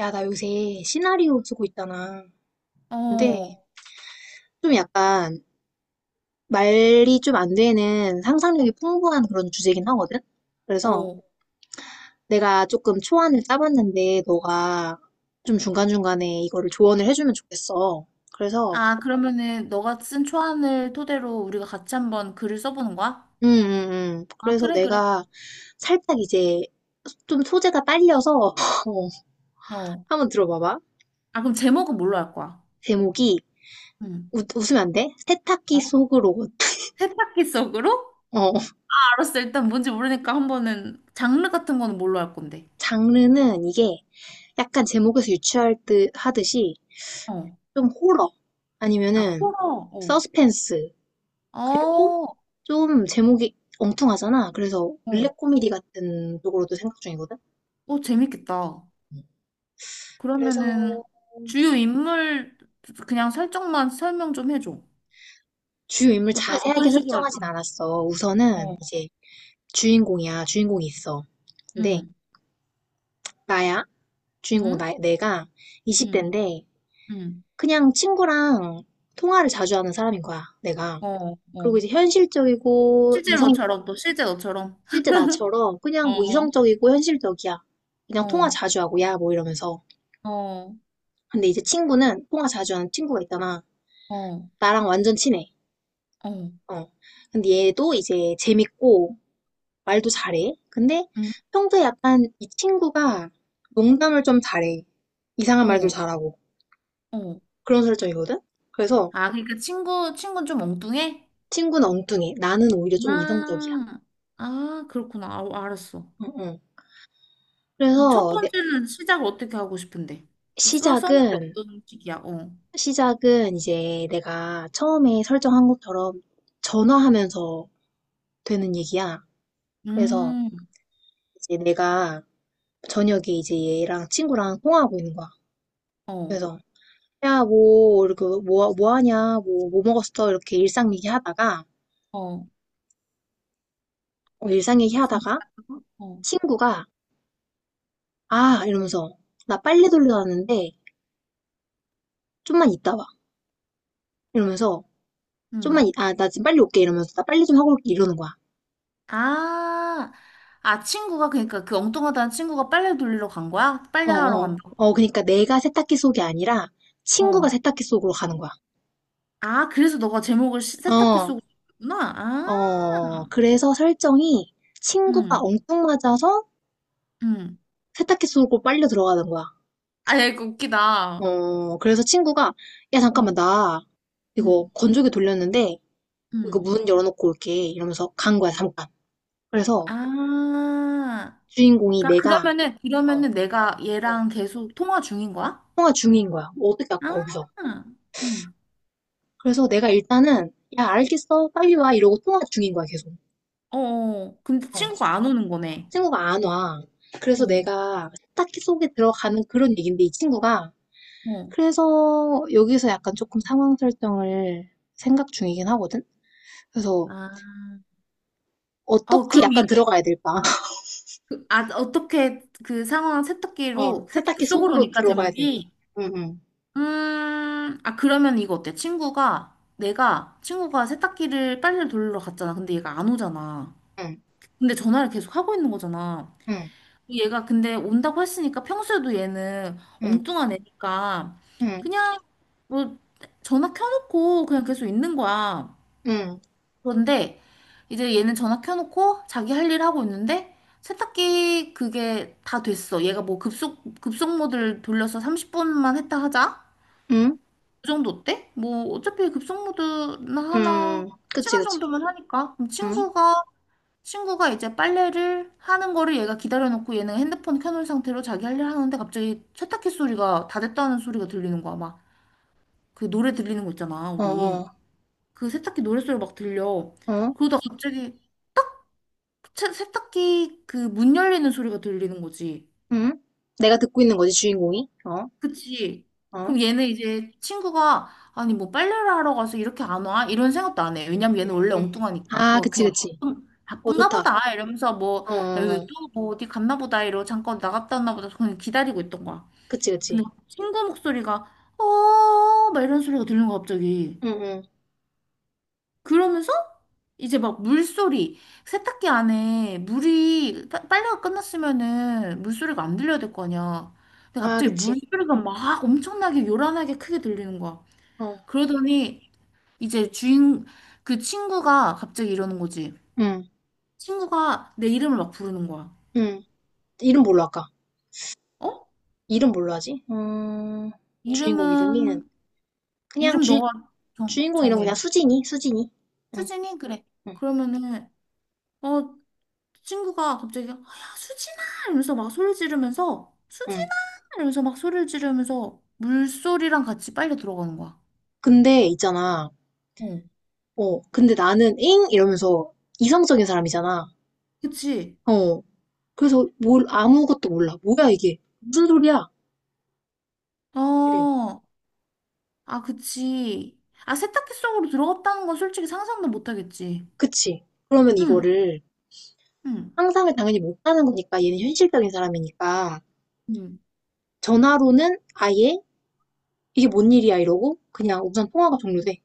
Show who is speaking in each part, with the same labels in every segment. Speaker 1: 야, 나 요새 시나리오 쓰고 있잖아. 근데
Speaker 2: 어,
Speaker 1: 좀 약간 말이 좀 안 되는 상상력이 풍부한 그런 주제긴 하거든? 그래서
Speaker 2: 어.
Speaker 1: 내가 조금 초안을 짜봤는데 너가 좀 중간중간에 이거를 조언을 해주면 좋겠어. 그래서,
Speaker 2: 아, 그러면은 너가 쓴 초안을 토대로 우리가 같이 한번 글을 써보는 거야? 아,
Speaker 1: 그래서
Speaker 2: 그래, 그래.
Speaker 1: 내가 살짝 이제 좀 소재가 딸려서 어,
Speaker 2: 어.
Speaker 1: 한번 들어봐봐.
Speaker 2: 아, 그럼 제목은 뭘로 할 거야?
Speaker 1: 제목이
Speaker 2: 응.
Speaker 1: 웃으면 안 돼? 세탁기
Speaker 2: 어?
Speaker 1: 속으로.
Speaker 2: 세탁기 속으로? 아,
Speaker 1: 어.
Speaker 2: 알았어. 일단 뭔지 모르니까 한번은 장르 같은 거는 뭘로 할 건데?
Speaker 1: 장르는 이게 약간 제목에서 유추할 듯 하듯이
Speaker 2: 어.
Speaker 1: 좀 호러
Speaker 2: 아,
Speaker 1: 아니면은
Speaker 2: 호러. 어.
Speaker 1: 서스펜스 그리고
Speaker 2: 어.
Speaker 1: 좀 제목이 엉뚱하잖아. 그래서
Speaker 2: 어.
Speaker 1: 블랙 코미디 같은 쪽으로도 생각 중이거든.
Speaker 2: 어, 재밌겠다.
Speaker 1: 그래서
Speaker 2: 그러면은 주요 인물 그냥 설정만 설명 좀 해줘.
Speaker 1: 주요 인물
Speaker 2: 어떤
Speaker 1: 자세하게
Speaker 2: 식으로 할
Speaker 1: 설정하진
Speaker 2: 건데?
Speaker 1: 않았어. 우선은
Speaker 2: 어.
Speaker 1: 이제 주인공이야. 주인공이 있어. 근데
Speaker 2: 응.
Speaker 1: 나야. 주인공
Speaker 2: 응?
Speaker 1: 나, 내가
Speaker 2: 응.
Speaker 1: 20대인데
Speaker 2: 응.
Speaker 1: 그냥 친구랑 통화를 자주 하는 사람인 거야. 내가.
Speaker 2: 어, 어.
Speaker 1: 그리고 이제 현실적이고 이성
Speaker 2: 실제로처럼.
Speaker 1: 실제 나처럼 그냥 뭐
Speaker 2: 어,
Speaker 1: 이성적이고 현실적이야. 그냥 통화
Speaker 2: 어,
Speaker 1: 자주 하고 야 뭐 이러면서.
Speaker 2: 어, 어,
Speaker 1: 근데 이제 친구는 통화 자주 하는 친구가 있잖아.
Speaker 2: 어,
Speaker 1: 나랑 완전 친해.
Speaker 2: 어,
Speaker 1: 어. 근데 얘도 이제 재밌고 말도 잘해. 근데
Speaker 2: 음,
Speaker 1: 평소에 약간 이 친구가 농담을 좀 잘해. 이상한 말도
Speaker 2: 어,
Speaker 1: 잘하고.
Speaker 2: 어.
Speaker 1: 그런 설정이거든? 그래서
Speaker 2: 아, 그러니까 친구는 좀 엉뚱해?
Speaker 1: 친구는 엉뚱해. 나는 오히려 좀 이성적이야.
Speaker 2: 아, 아, 그렇구나. 아, 알았어.
Speaker 1: 응, 응.
Speaker 2: 그럼 첫
Speaker 1: 그래서
Speaker 2: 번째는 시작을 어떻게 하고 싶은데? 써는 게
Speaker 1: 시작은
Speaker 2: 어떤 식이야? 어.
Speaker 1: 시작은 이제 내가 처음에 설정한 것처럼 전화하면서 되는 얘기야. 그래서
Speaker 2: 음,
Speaker 1: 이제 내가 저녁에 이제 얘랑 친구랑 통화하고 있는 거야.
Speaker 2: 어,
Speaker 1: 그래서 야, 뭐, 이렇게 뭐, 뭐 하냐, 뭐, 뭐 먹었어? 이렇게 일상 얘기하다가,
Speaker 2: 어.
Speaker 1: 어, 일상
Speaker 2: 이상하게
Speaker 1: 얘기하다가
Speaker 2: 하고? 어,
Speaker 1: 친구가 아, 이러면서 나 빨래 돌려 놨는데 좀만 있다 와. 이러면서
Speaker 2: 음.
Speaker 1: 아, 나 지금 빨리 올게. 이러면서 나 빨리 좀 하고 올게. 이러는 거야.
Speaker 2: 아, 아, 친구가, 그러니까 그 엉뚱하다는 친구가 빨래 돌리러 간 거야?
Speaker 1: 어,
Speaker 2: 빨래 하러
Speaker 1: 어.
Speaker 2: 간다고?
Speaker 1: 어, 그러니까 내가 세탁기 속이 아니라 친구가
Speaker 2: 어,
Speaker 1: 세탁기 속으로 가는 거야.
Speaker 2: 아, 그래서 너가 제목을 세탁기
Speaker 1: 어,
Speaker 2: 쓰고 있구나. 아,
Speaker 1: 어. 그래서 설정이 친구가
Speaker 2: 응,
Speaker 1: 엉뚱 맞아서
Speaker 2: 응.
Speaker 1: 세탁기 속으로 빨려 들어가는 거야.
Speaker 2: 아, 야, 이거 웃기다. 어,
Speaker 1: 어, 그래서 친구가 야, 잠깐만, 나 이거
Speaker 2: 응,
Speaker 1: 건조기 돌렸는데 이거
Speaker 2: 응.
Speaker 1: 문 열어놓고 올게 이러면서 간 거야, 잠깐. 그래서
Speaker 2: 아,
Speaker 1: 주인공이
Speaker 2: 그러니까
Speaker 1: 내가
Speaker 2: 그러면은,
Speaker 1: 어,
Speaker 2: 그러면은 내가
Speaker 1: 어,
Speaker 2: 얘랑 계속 통화 중인 거야?
Speaker 1: 통화 중인 거야. 뭐 어떻게 아까
Speaker 2: 아,
Speaker 1: 거기서.
Speaker 2: 응.
Speaker 1: 그래서 내가 일단은 야, 알겠어. 빨리 와. 이러고 통화 중인 거야, 계속.
Speaker 2: 어, 어. 근데
Speaker 1: 어.
Speaker 2: 친구가 안 오는 거네.
Speaker 1: 친구가 안 와. 그래서
Speaker 2: 어,
Speaker 1: 내가 딱히 속에 들어가는 그런 얘기인데 이 친구가
Speaker 2: 어.
Speaker 1: 그래서 여기서 약간 조금 상황 설정을 생각 중이긴 하거든. 그래서
Speaker 2: 아, 어,
Speaker 1: 어떻게
Speaker 2: 그럼
Speaker 1: 약간
Speaker 2: 이거,
Speaker 1: 들어가야 될까?
Speaker 2: 아, 어떻게 그 상황
Speaker 1: 어,
Speaker 2: 세탁기
Speaker 1: 세탁기 속으로
Speaker 2: 속으로니까
Speaker 1: 들어가야 될까?
Speaker 2: 제목이?
Speaker 1: 응, 응,
Speaker 2: 아, 그러면 이거 어때? 친구가 세탁기를 빨래를 돌리러 갔잖아. 근데 얘가 안 오잖아. 근데 전화를 계속 하고 있는 거잖아.
Speaker 1: 응,
Speaker 2: 얘가 근데 온다고 했으니까 평소에도 얘는
Speaker 1: 응, 응,
Speaker 2: 엉뚱한 애니까
Speaker 1: 응,
Speaker 2: 그냥 뭐 전화 켜놓고 그냥 계속 있는 거야.
Speaker 1: 응,
Speaker 2: 그런데 이제 얘는 전화 켜놓고 자기 할 일 하고 있는데 세탁기 그게 다 됐어. 얘가 뭐 급속 모드를 돌려서 30분만 했다 하자.
Speaker 1: 응,
Speaker 2: 그 정도 때? 뭐 어차피 급속모드나 하나
Speaker 1: 응. 그치,
Speaker 2: 시간
Speaker 1: 그치.
Speaker 2: 정도면 하니까 그럼
Speaker 1: 응,
Speaker 2: 친구가 이제 빨래를 하는 거를 얘가 기다려놓고 얘는 핸드폰 켜놓은 상태로 자기 할 일 하는데 갑자기 세탁기 소리가 다 됐다는 소리가 들리는 거야 막. 그 노래 들리는 거 있잖아
Speaker 1: 어,
Speaker 2: 우리
Speaker 1: 어,
Speaker 2: 그 세탁기 노래 소리 막 들려.
Speaker 1: 어,
Speaker 2: 그러다 갑자기 세탁기 그 문 열리는 소리가 들리는 거지.
Speaker 1: 응. 내가 듣고 있는 거지, 주인공이. 어,
Speaker 2: 그치.
Speaker 1: 어,
Speaker 2: 그럼 얘는 이제 친구가 아니 뭐 빨래를 하러 가서 이렇게 안 와? 이런 생각도 안 해. 왜냐면 얘는 원래
Speaker 1: 응.
Speaker 2: 엉뚱하니까.
Speaker 1: 아,
Speaker 2: 뭐
Speaker 1: 그치,
Speaker 2: 그냥
Speaker 1: 그치.
Speaker 2: 바쁜,
Speaker 1: 어,
Speaker 2: 바쁜가
Speaker 1: 좋다.
Speaker 2: 보다 이러면서 뭐
Speaker 1: 어, 어, 어.
Speaker 2: 또뭐 어디 갔나 보다 이러고 잠깐 나갔다 왔나 보다 그냥 기다리고 있던 거야.
Speaker 1: 그치,
Speaker 2: 근데
Speaker 1: 그치.
Speaker 2: 친구 목소리가 어 막 이런 소리가 들리는 거야 갑자기.
Speaker 1: 응, 응.
Speaker 2: 그러면서 이제 막 물소리, 세탁기 안에 빨래가 끝났으면은 물소리가 안 들려야 될 거 아니야. 근데
Speaker 1: 아,
Speaker 2: 갑자기
Speaker 1: 그치.
Speaker 2: 물소리가 막 엄청나게 요란하게 크게 들리는 거야.
Speaker 1: 어,
Speaker 2: 그러더니 이제 주인 그 친구가 갑자기 이러는 거지.
Speaker 1: 응,
Speaker 2: 친구가 내 이름을 막 부르는 거야.
Speaker 1: 응. 이름 뭘로 할까?
Speaker 2: 어? 어.
Speaker 1: 이름 뭘로 하지? 주인공 이름은
Speaker 2: 이름은
Speaker 1: 그냥
Speaker 2: 이름
Speaker 1: 주,
Speaker 2: 너가 정,
Speaker 1: 주인공 이름 그냥
Speaker 2: 정해.
Speaker 1: 수진이, 수진이. 응,
Speaker 2: 수진이? 그래.
Speaker 1: 응,
Speaker 2: 그러면은 어 친구가 갑자기 야 수진아 이러면서 막 소리 지르면서 수진아
Speaker 1: 응.
Speaker 2: 이러면서 막 소리를 지르면서 물소리랑 같이 빨려 들어가는 거야.
Speaker 1: 근데 있잖아.
Speaker 2: 어,
Speaker 1: 어, 근데 나는 잉 이러면서 이성적인 사람이잖아.
Speaker 2: 그치?
Speaker 1: 어. 그래서 뭘 아무것도 몰라. 뭐야 이게? 무슨 소리야? 그래.
Speaker 2: 어, 아, 그치. 아, 세탁기 속으로 들어갔다는 건 솔직히 상상도 못 하겠지.
Speaker 1: 그치? 그러면
Speaker 2: 응,
Speaker 1: 이거를
Speaker 2: 응,
Speaker 1: 상상을 당연히 못하는 거니까 얘는 현실적인 사람이니까
Speaker 2: 응.
Speaker 1: 전화로는 아예 이게 뭔 일이야 이러고 그냥 우선 통화가 종료돼.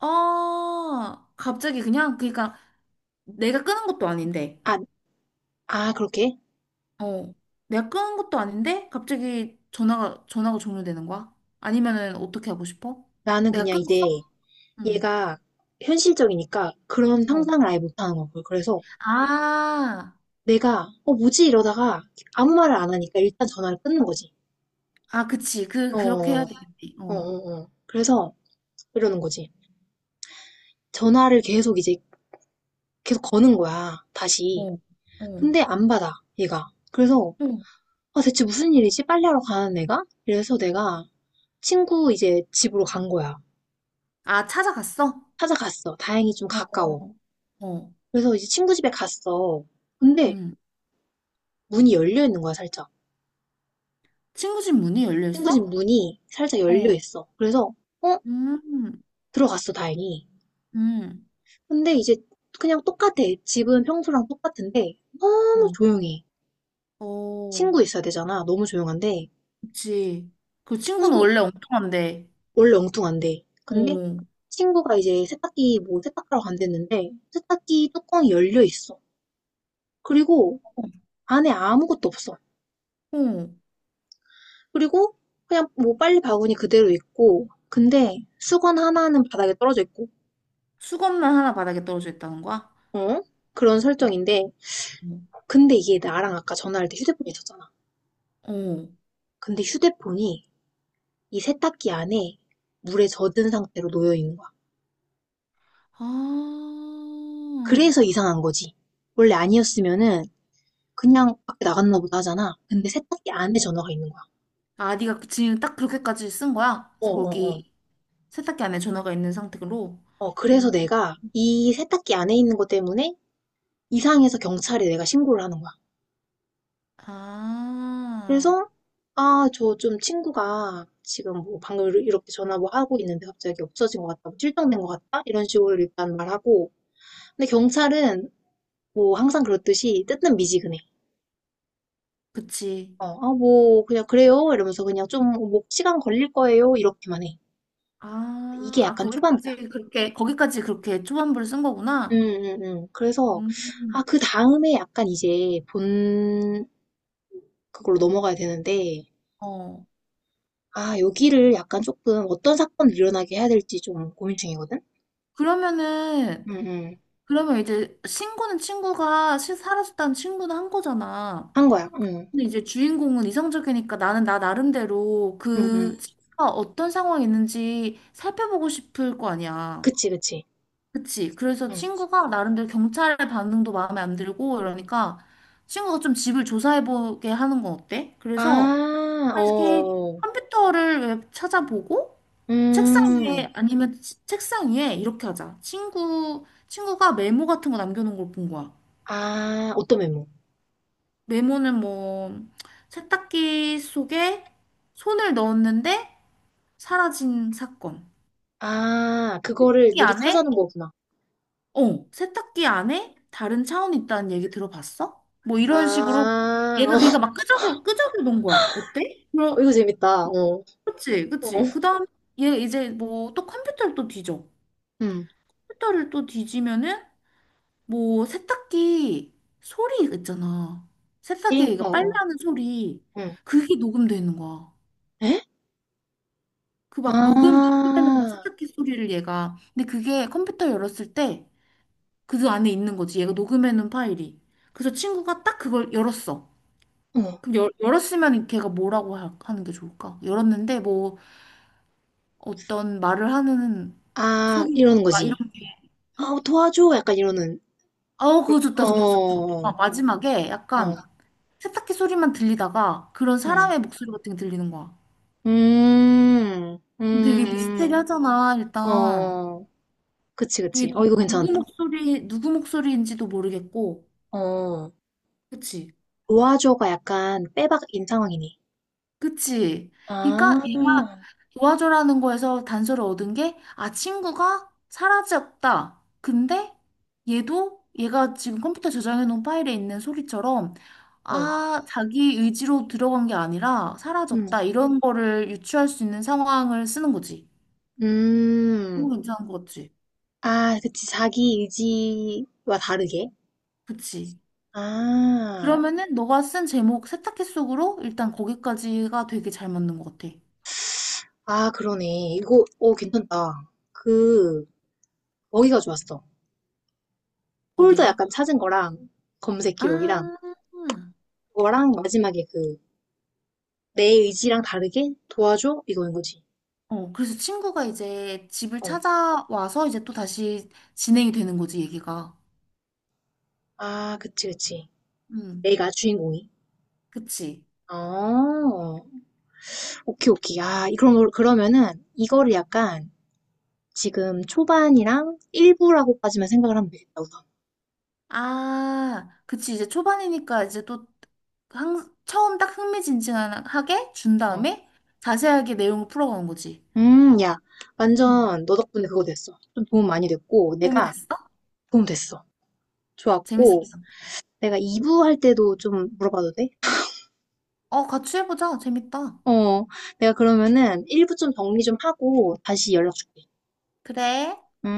Speaker 2: 어, 갑자기 그냥, 그러니까 내가 끄는 것도 아닌데,
Speaker 1: 아, 아, 그렇게?
Speaker 2: 어, 내가 끄는 것도 아닌데, 갑자기 전화가 종료되는 거야? 아니면은 어떻게 하고 싶어?
Speaker 1: 나는
Speaker 2: 내가
Speaker 1: 그냥
Speaker 2: 끊었어?
Speaker 1: 이제
Speaker 2: 응.
Speaker 1: 얘가 현실적이니까 그런
Speaker 2: 어.
Speaker 1: 상상을 아예 못하는 거고. 그래서
Speaker 2: 아,
Speaker 1: 내가, 어, 뭐지? 이러다가 아무 말을 안 하니까 일단 전화를 끊는 거지.
Speaker 2: 아, 그치. 그,
Speaker 1: 어,
Speaker 2: 그렇게 해야
Speaker 1: 어,
Speaker 2: 되겠네.
Speaker 1: 어,
Speaker 2: 어,
Speaker 1: 어. 그래서 이러는 거지. 전화를 계속 이제 계속 거는 거야. 다시.
Speaker 2: 어, 어.
Speaker 1: 근데 안 받아, 얘가. 그래서,
Speaker 2: 응.
Speaker 1: 아, 대체 무슨 일이지? 빨래하러 가는 애가? 이래서 내가 친구 이제 집으로 간 거야.
Speaker 2: 아, 찾아갔어?
Speaker 1: 찾아갔어. 다행히 좀
Speaker 2: 어,
Speaker 1: 가까워.
Speaker 2: 어, 어.
Speaker 1: 그래서 이제 친구 집에 갔어. 근데
Speaker 2: 음.
Speaker 1: 문이 열려 있는 거야, 살짝.
Speaker 2: 친구 집 문이 열려
Speaker 1: 친구 집
Speaker 2: 있어?
Speaker 1: 문이 살짝 열려
Speaker 2: 어,
Speaker 1: 있어. 그래서, 어?
Speaker 2: 음,
Speaker 1: 들어갔어, 다행히.
Speaker 2: 음,
Speaker 1: 근데 이제 그냥 똑같아. 집은 평소랑 똑같은데, 너무
Speaker 2: 어,
Speaker 1: 조용해.
Speaker 2: 어,
Speaker 1: 친구 있어야 되잖아. 너무 조용한데,
Speaker 2: 그치. 그 친구는
Speaker 1: 친구,
Speaker 2: 원래 엉뚱한데,
Speaker 1: 원래 엉뚱한데. 근데
Speaker 2: 어,
Speaker 1: 친구가 이제 세탁기 뭐 세탁하러 간댔는데, 세탁기 뚜껑이 열려 있어. 그리고 안에 아무것도 없어.
Speaker 2: 어,
Speaker 1: 그리고 그냥 뭐 빨래 바구니 그대로 있고, 근데 수건 하나는 바닥에 떨어져 있고,
Speaker 2: 수건만 하나 바닥에 떨어져 있다는 거야?
Speaker 1: 어? 그런
Speaker 2: 어,
Speaker 1: 설정인데,
Speaker 2: 어,
Speaker 1: 근데 이게 나랑 아까 전화할 때 휴대폰이 있었잖아.
Speaker 2: 어.
Speaker 1: 근데 휴대폰이 이 세탁기 안에 물에 젖은 상태로 놓여 있는 거야.
Speaker 2: 아,
Speaker 1: 그래서 이상한 거지. 원래 아니었으면은 그냥 밖에 나갔나 보다 하잖아. 근데 세탁기 안에 전화가 있는 거야.
Speaker 2: 아, 네가 지금 딱 그렇게까지 쓴 거야?
Speaker 1: 어,
Speaker 2: 그래서
Speaker 1: 어, 어.
Speaker 2: 거기 세탁기 안에 전화가 있는 상태로.
Speaker 1: 어, 그래서
Speaker 2: 음,
Speaker 1: 내가 이 세탁기 안에 있는 것 때문에 이상해서 경찰에 내가 신고를 하는 거야.
Speaker 2: 아,
Speaker 1: 그래서 아, 저 좀 친구가 지금 뭐 방금 이렇게 전화 뭐 하고 있는데 갑자기 없어진 것 같다, 뭐 실종된 것 같다? 이런 식으로 일단 말하고. 근데 경찰은 뭐 항상 그렇듯이 뜯는 미지근해.
Speaker 2: 그치.
Speaker 1: 어, 아, 뭐 그냥 그래요 이러면서 그냥 좀 뭐 시간 걸릴 거예요 이렇게만 해.
Speaker 2: 아,
Speaker 1: 이게 약간 초반부야.
Speaker 2: 거기까지 그렇게 초반부를 쓴
Speaker 1: 음,
Speaker 2: 거구나.
Speaker 1: 그래서 아,
Speaker 2: 음,
Speaker 1: 그 다음에 약간 이제 본 그걸로 넘어가야 되는데
Speaker 2: 어.
Speaker 1: 아, 여기를 약간 조금 어떤 사건을 일어나게 해야 될지 좀 고민 중이거든.
Speaker 2: 그러면은,
Speaker 1: 음, 음.
Speaker 2: 그러면 이제 친구는 친구가 사라졌다는 친구는 한 거잖아.
Speaker 1: 한 거야.
Speaker 2: 근데 이제 주인공은 이성적이니까 나는 나 나름대로
Speaker 1: 음, 음.
Speaker 2: 그 친구가 어떤 상황이 있는지 살펴보고 싶을 거 아니야.
Speaker 1: 그치, 그치.
Speaker 2: 그치. 그래서
Speaker 1: 음.
Speaker 2: 친구가 나름대로 경찰의 반응도 마음에 안 들고 이러니까 친구가 좀 집을 조사해보게 하는 건 어때?
Speaker 1: 아,
Speaker 2: 그래서
Speaker 1: 어,
Speaker 2: 이렇게
Speaker 1: 어.
Speaker 2: 컴퓨터를 왜 찾아보고
Speaker 1: 음.
Speaker 2: 책상 위에 이렇게 하자. 친구가 메모 같은 거 남겨놓은 걸 본 거야.
Speaker 1: 아, 어떤 메모?
Speaker 2: 메모는 뭐 세탁기 속에 손을 넣었는데 사라진 사건.
Speaker 1: 아, 그거를
Speaker 2: 이
Speaker 1: 미리
Speaker 2: 안에
Speaker 1: 찾아놓은 거구나.
Speaker 2: 어, 세탁기 안에 다른 차원이 있다는 얘기 들어봤어? 뭐 이런 식으로
Speaker 1: 아,
Speaker 2: 얘가
Speaker 1: 어,
Speaker 2: 그러니까 막 끄적여 놓은 거야. 어때? 그럼
Speaker 1: 이거 재밌다. 어,
Speaker 2: 그치
Speaker 1: 어,
Speaker 2: 그치. 그다음 얘 이제 뭐 또 컴퓨터를 또 뒤져.
Speaker 1: 음,
Speaker 2: 컴퓨터를 또 뒤지면은 뭐 세탁기 소리 있잖아.
Speaker 1: 일,
Speaker 2: 세탁기에
Speaker 1: 어,
Speaker 2: 얘가
Speaker 1: 어,
Speaker 2: 빨래하는 소리
Speaker 1: 음,
Speaker 2: 그게 녹음돼 있는 거야.
Speaker 1: 에?
Speaker 2: 그 막 녹음하는 거야
Speaker 1: 아,
Speaker 2: 세탁기 소리를 얘가. 근데 그게 컴퓨터 열었을 때 그 안에 있는 거지. 얘가 녹음해놓은 파일이. 그래서 친구가 딱 그걸 열었어.
Speaker 1: 어,
Speaker 2: 그럼 열었으면 걔가 뭐라고 하, 는게 좋을까? 열었는데 뭐 어떤 말을 하는
Speaker 1: 아,
Speaker 2: 소리가
Speaker 1: 이러는 거지.
Speaker 2: 이런 게
Speaker 1: 아,
Speaker 2: 응?
Speaker 1: 도와줘. 약간 이러는.
Speaker 2: 아우
Speaker 1: 어,
Speaker 2: 그거 좋다. 아,
Speaker 1: 어,
Speaker 2: 마지막에
Speaker 1: 어,
Speaker 2: 약간 세탁기 소리만 들리다가 그런
Speaker 1: 음,
Speaker 2: 사람의 목소리 같은 게 들리는 거야.
Speaker 1: 음, 음,
Speaker 2: 그럼 되게
Speaker 1: 음.
Speaker 2: 미스테리하잖아 일단.
Speaker 1: 어, 그치, 그치.
Speaker 2: 이게
Speaker 1: 어, 이거 괜찮다.
Speaker 2: 누구 목소리 누구 목소리인지도 모르겠고
Speaker 1: 어,
Speaker 2: 그치?
Speaker 1: 도와줘가 약간 빼박인 상황이네.
Speaker 2: 그치?
Speaker 1: 아,
Speaker 2: 그러니까 얘가 도와줘라는 거에서 단서를 얻은 게, 아, 친구가 사라졌다. 근데 얘도 얘가 지금 컴퓨터 저장해 놓은 파일에 있는 소리처럼,
Speaker 1: 어,
Speaker 2: 아, 자기 의지로 들어간 게 아니라
Speaker 1: 음,
Speaker 2: 사라졌다. 이런 거를 유추할 수 있는 상황을 쓰는 거지. 너무
Speaker 1: 음.
Speaker 2: 괜찮은 거 같지?
Speaker 1: 아, 그치. 자기 의지와 다르게.
Speaker 2: 그치?
Speaker 1: 아.
Speaker 2: 그러면은 너가 쓴 제목 세탁기 속으로 일단 거기까지가 되게 잘 맞는 것 같아.
Speaker 1: 아, 그러네. 이거, 오, 괜찮다. 그, 거기가 좋았어. 폴더
Speaker 2: 어디가?
Speaker 1: 약간 찾은 거랑, 검색
Speaker 2: 아.
Speaker 1: 기록이랑, 그거랑 마지막에 그, 내 의지랑 다르게 도와줘? 이거인 거지.
Speaker 2: 어, 그래서 친구가 이제 집을
Speaker 1: 어.
Speaker 2: 찾아와서 이제 또 다시 진행이 되는 거지, 얘기가.
Speaker 1: 아, 그치, 그치.
Speaker 2: 음,
Speaker 1: 내가 주인공이.
Speaker 2: 그치.
Speaker 1: 어, 오케이, 오케이. 아, 그럼, 그러면은, 이거를 약간, 지금 초반이랑 일부라고까지만 생각을 하면 되겠다, 우선.
Speaker 2: 아, 그치. 이제 초반이니까 이제 또 처음 딱 흥미진진하게 준
Speaker 1: 어.
Speaker 2: 다음에 자세하게 내용을 풀어가는 거지.
Speaker 1: 야,
Speaker 2: 음,
Speaker 1: 완전 너 덕분에 그거 됐어. 좀 도움 많이 됐고,
Speaker 2: 도움이
Speaker 1: 내가
Speaker 2: 됐어?
Speaker 1: 도움 됐어. 좋았고,
Speaker 2: 재밌었다.
Speaker 1: 내가 2부 할 때도 좀 물어봐도 돼?
Speaker 2: 어, 같이 해보자. 재밌다.
Speaker 1: 어, 내가 그러면은 1부 좀 정리 좀 하고 다시 연락 줄게.
Speaker 2: 그래.
Speaker 1: 응?